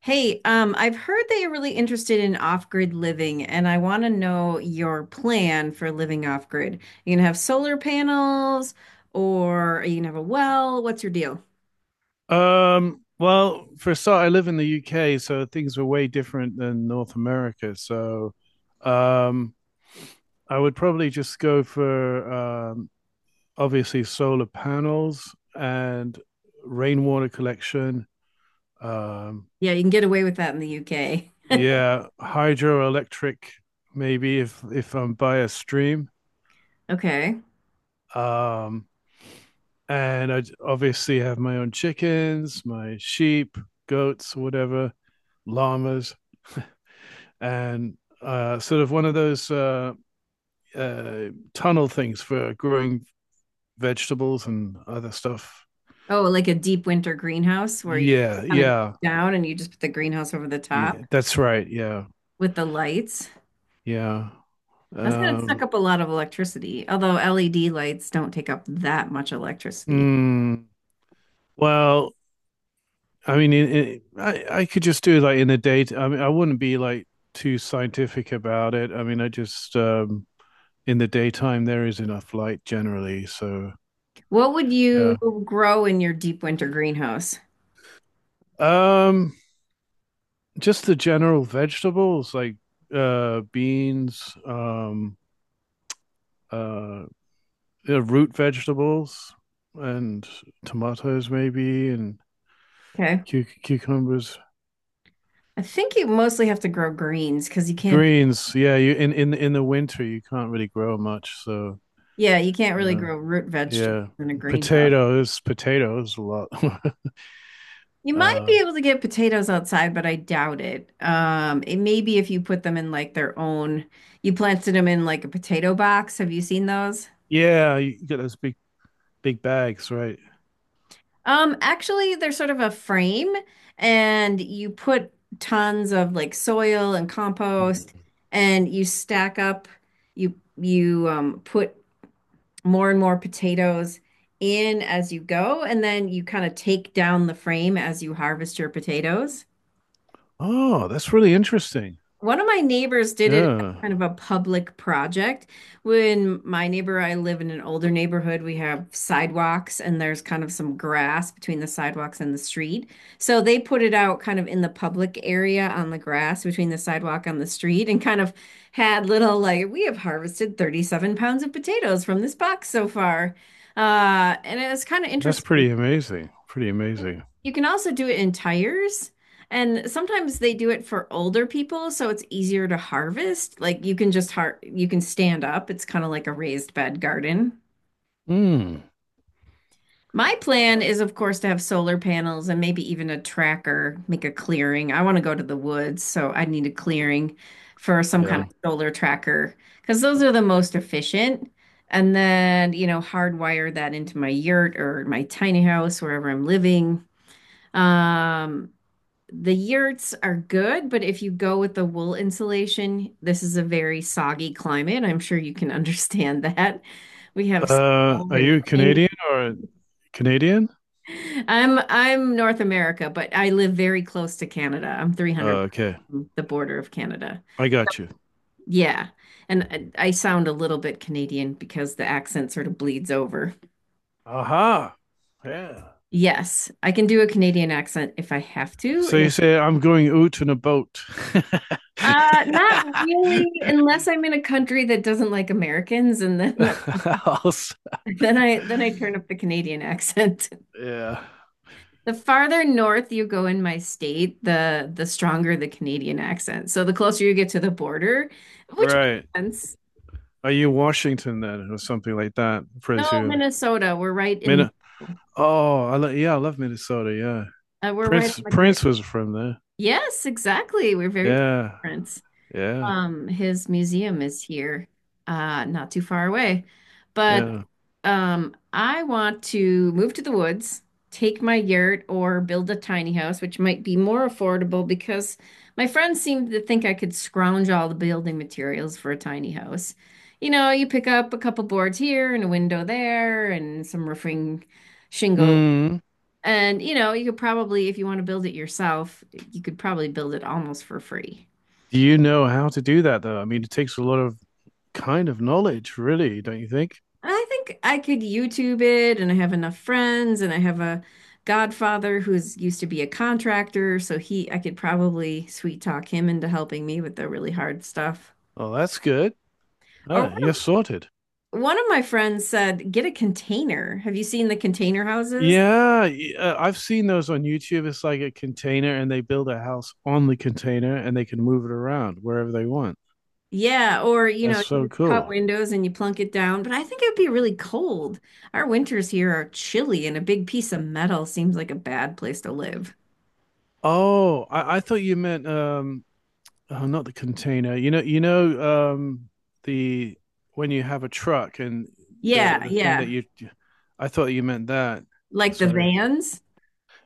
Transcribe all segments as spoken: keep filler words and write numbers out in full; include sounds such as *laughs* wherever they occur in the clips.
Hey, um, I've heard that you're really interested in off-grid living, and I want to know your plan for living off-grid. You gonna have solar panels, or are you gonna have a well? What's your deal? Um, well, for a start, I live in the U K, so things were way different than North America. So, um, I would probably just go for um, obviously solar panels and rainwater collection. Um, Yeah, you can get away with that in the U K. yeah, hydroelectric, maybe if if I'm by a stream. Okay. Um, and I obviously have my own chickens, my sheep, goats, whatever, llamas. *laughs* And uh, sort of one of those uh, uh, tunnel things for growing vegetables and other stuff. Oh, like a deep winter greenhouse where you Yeah, kind of yeah, down and you just put the greenhouse over the top yeah, that's right. Yeah, with the lights. yeah. That's gonna Um, suck up a lot of electricity, although L E D lights don't take up that much electricity. mm, well, I mean, in, in, I I could just do like in the day. I mean, I wouldn't be like too scientific about it. I mean, I just um, in the daytime there is enough light generally, so What would you yeah. grow in your deep winter greenhouse? Um, just the general vegetables like uh beans, um uh yeah, root vegetables and tomatoes maybe and Okay. cu- cucumbers, I think you mostly have to grow greens because you can't, greens, yeah, you in, in in the winter you can't really grow much, so yeah, you can't really yeah, grow root vegetables yeah, in a greenhouse. potatoes potatoes a lot. You *laughs* might uh be able to get potatoes outside, but I doubt it. Um, it may be if you put them in like their own, you planted them in like a potato box. Have you seen those? yeah, you got those big big bags, right? Um, actually, they're sort of a frame and you put tons of like soil and compost Mm. and you stack up, you you um put more and more potatoes in as you go, and then you kind of take down the frame as you harvest your potatoes. Oh, that's really interesting. One of my neighbors did it as Yeah, kind of a public project. When my neighbor, I live in an older neighborhood, we have sidewalks and there's kind of some grass between the sidewalks and the street. So they put it out kind of in the public area on the grass between the sidewalk and the street and kind of had little like, we have harvested thirty-seven pounds of potatoes from this box so far. Uh, and it was kind of that's interesting. pretty amazing pretty amazing You can also do it in tires, and sometimes they do it for older people, so it's easier to harvest. Like you can just har you can stand up. It's kind of like a raised bed garden. Mm. My plan is, of course, to have solar panels and maybe even a tracker, make a clearing. I want to go to the woods, so I need a clearing for some kind Yeah. Yeah. of solar tracker because those are the most efficient. And then, you know, hardwire that into my yurt or my tiny house, wherever I'm living. Um, the yurts are good, but if you go with the wool insulation, this is a very soggy climate. I'm sure you can *laughs* understand that. We have Uh, snow are and you rain. Canadian or Canadian? I'm I'm North America, but I live very close to Canada. I'm three hundred Uh, okay, from the border of Canada. I got you. Yeah. And I I sound a little bit Canadian because the accent sort of bleeds over. Aha. Yeah. Yes, I can do a Canadian accent if I have to. So Yeah. you say I'm going out in a boat. *laughs* Uh, not really, unless I'm in a country that doesn't like Americans, and then Also, Then I then I turn up the Canadian accent. *laughs* yeah. The farther north you go in my state, the the stronger the Canadian accent. So the closer you get to the border, which Right. makes sense. Are you Washington then, or something like that? No, Presume. Minnesota, we're right in the Min- oh, I lo- yeah, I love Minnesota. Yeah. uh, we're right on Prince the great. Prince was from there. Yes, exactly. We're very proud of Yeah. Prince. Yeah. Um, his museum is here, uh, not too far away. But Yeah. Um, I want to move to the woods, take my yurt, or build a tiny house, which might be more affordable because my friends seem to think I could scrounge all the building materials for a tiny house. You know, you pick up a couple boards here and a window there and some roofing shingle. Mm. And, you know, you could probably, if you want to build it yourself, you could probably build it almost for free. Do you know how to do that though? I mean, it takes a lot of kind of knowledge, really, don't you think? I think I could YouTube it, and I have enough friends, and I have a godfather who's used to be a contractor, so he I could probably sweet talk him into helping me with the really hard stuff. Oh, that's good. Or Oh, one you're sorted. of one of my friends said, get a container. Have you seen the container houses? Yeah, uh, I've seen those on YouTube. It's like a container, and they build a house on the container, and they can move it around wherever they want. Yeah, or you That's know, you so just cut cool. windows and you plunk it down, but I think it would be really cold. Our winters here are chilly, and a big piece of metal seems like a bad place to live. Oh, I, I thought you meant um, oh, not the container. You know, you know, um, the when you have a truck and the Yeah, the thing that yeah. you, I thought you meant that. Like the Sorry. vans,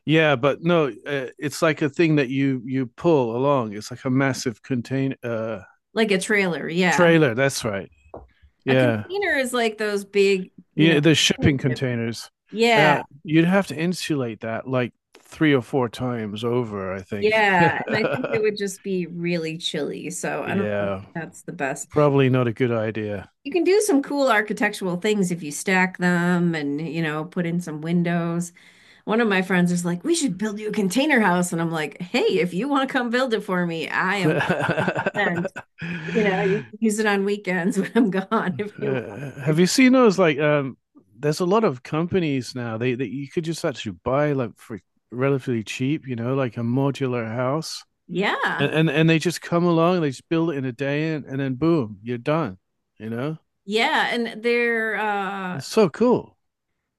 Yeah, but no, uh, it's like a thing that you you pull along. It's like a massive contain uh like a trailer. Yeah. trailer. That's right. A Yeah, container is like those big, you know, yeah. The container shipping ships. containers. Yeah, Uh, you'd have to insulate that like three or four times over, I think. yeah. And I think *laughs* it would just be really chilly. So I don't know if Yeah, that's the best. probably not a good idea. You can do some cool architectural things if you stack them and, you know, put in some windows. One of my friends is like, we should build you a container house. And I'm like, hey, if you want to come build it for me, I am one hundred percent. You know, you can *laughs* use it on weekends *laughs* when I'm gone if you want Uh, to. have you seen those like um there's a lot of companies now they that you could just actually buy like for relatively cheap, you know, like a modular house. Yeah. And and, and they just come along, they just build it in a day, and, and then boom, you're done. You know? Yeah, and they're uh It's so cool.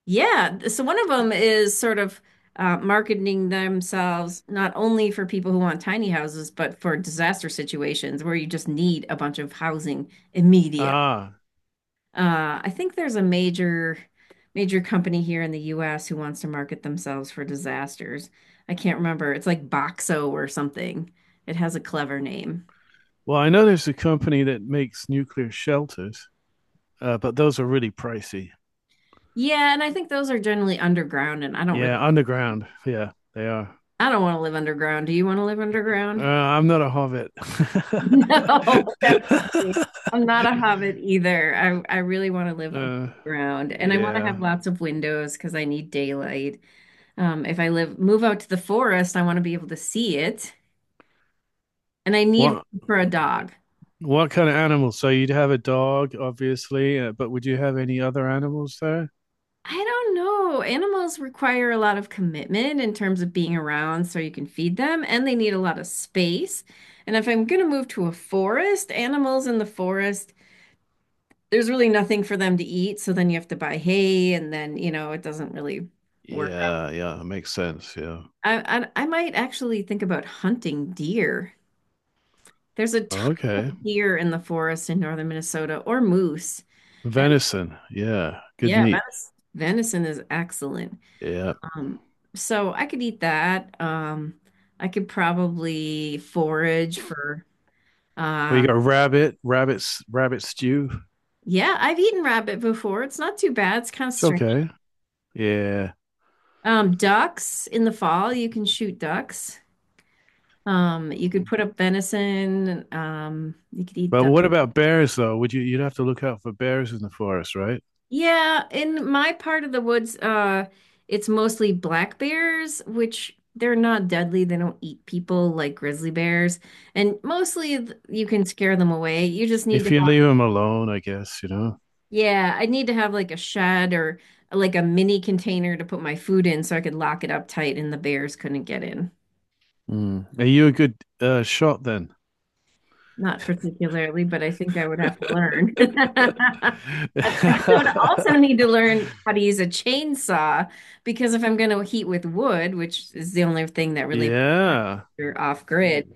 Yeah. So one of them is sort of uh, marketing themselves not only for people who want tiny houses, but for disaster situations where you just need a bunch of housing immediate. Ah. Uh, I think there's a major, major company here in the U S who wants to market themselves for disasters. I can't remember. It's like Boxo or something. It has a clever name. Well, I know there's a company that makes nuclear shelters, uh, but those are really pricey. Yeah, and I think those are generally underground, and I don't really, Yeah, underground. Yeah, they are. I don't want to live underground. Do you want to live Uh, underground? I'm not a hobbit. No, *laughs* definitely. I'm not a *laughs* hobbit either. I, I really want to live above Uh, ground and I want to yeah. have lots of windows because I need daylight. Um, if I live move out to the forest, I want to be able to see it and I need What room for a dog. what kind of animals? So you'd have a dog, obviously, uh, but would you have any other animals there? I don't know. Animals require a lot of commitment in terms of being around so you can feed them and they need a lot of space. And if I'm going to move to a forest, animals in the forest there's really nothing for them to eat, so then you have to buy hay, and then you know it doesn't really work. Yeah, yeah, makes sense. Yeah. I I, I might actually think about hunting deer. There's a ton Okay. of deer in the forest in northern Minnesota, or moose, and Venison. Yeah, good yeah, meat. venis- venison is excellent. Yeah. Um, so I could eat that. Um, I could probably forage for. Well, Uh, you got rabbit, rabbits, rabbit stew. yeah, I've eaten rabbit before. It's not too bad. It's kind of It's strange. okay. Yeah. Um, ducks in the fall, you can shoot ducks. Um, you could put up venison. Um, you could eat But duck. what about bears though? Would you you'd have to look out for bears in the forest, right? Yeah, in my part of the woods, uh, it's mostly black bears, which they're not deadly. They don't eat people like grizzly bears, and mostly th- you can scare them away. You just need to If you have, leave them alone, I guess, you know. yeah, I need to have like a shed or like a mini container to put my food in so I could lock it up tight and the bears couldn't get in. Mm. Are you a good uh, shot then? Not particularly, but I think I would have to learn. *laughs* I would also *laughs* need to learn how to use a chainsaw because if I'm going to heat with wood, which is the only thing that really Yeah. you're off grid, Mm.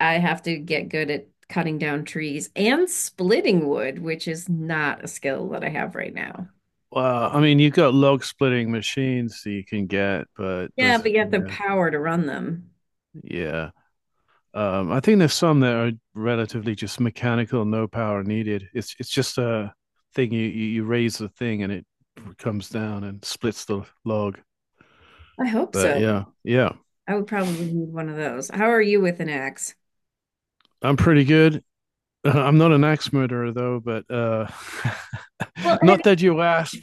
I have to get good at cutting down trees and splitting wood, which is not a skill that I have right now. Well, I mean, you've got log splitting machines that you can get, but Yeah, those, but you have the yeah, power to run them. yeah. Um, I think there's some that are relatively just mechanical, no power needed. It's it's just a thing you you, raise the thing and it comes down and splits the log. I hope But so. yeah, yeah, I would probably need one of those. How are you with an axe? I'm pretty good. *laughs* I'm not an axe murderer though, but uh, Well, *laughs* have, not that you asked.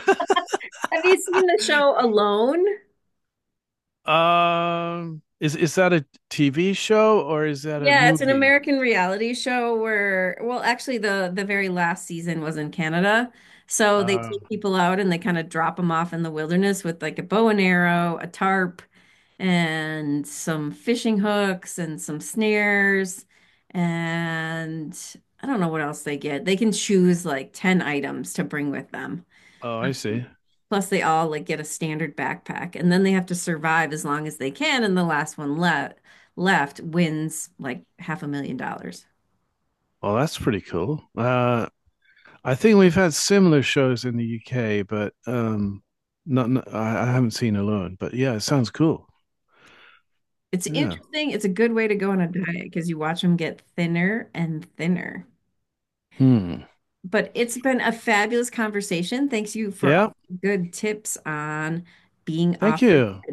*laughs* have you seen the show Alone? um, is is that a T V show or is that a Yeah, it's an movie? American reality show where, well, actually the the very last season was in Canada. So they Uh, take people out and they kind of drop them off in the wilderness with like a bow and arrow, a tarp, and some fishing hooks and some snares. And I don't know what else they get. They can choose like ten items to bring with them. oh, I see. Plus, they all like get a standard backpack, and then they have to survive as long as they can, and the last one left left wins like half a million dollars. Well, that's pretty cool. Uh, I think we've had similar shows in the U K, but um, not, not- I, I haven't seen Alone. But yeah, it sounds cool. It's Yeah. interesting. It's a good way to go on a diet because you watch them get thinner and thinner. Hmm. But it's been a fabulous conversation. Thanks you for all Yeah. the good tips on being off. Thank you.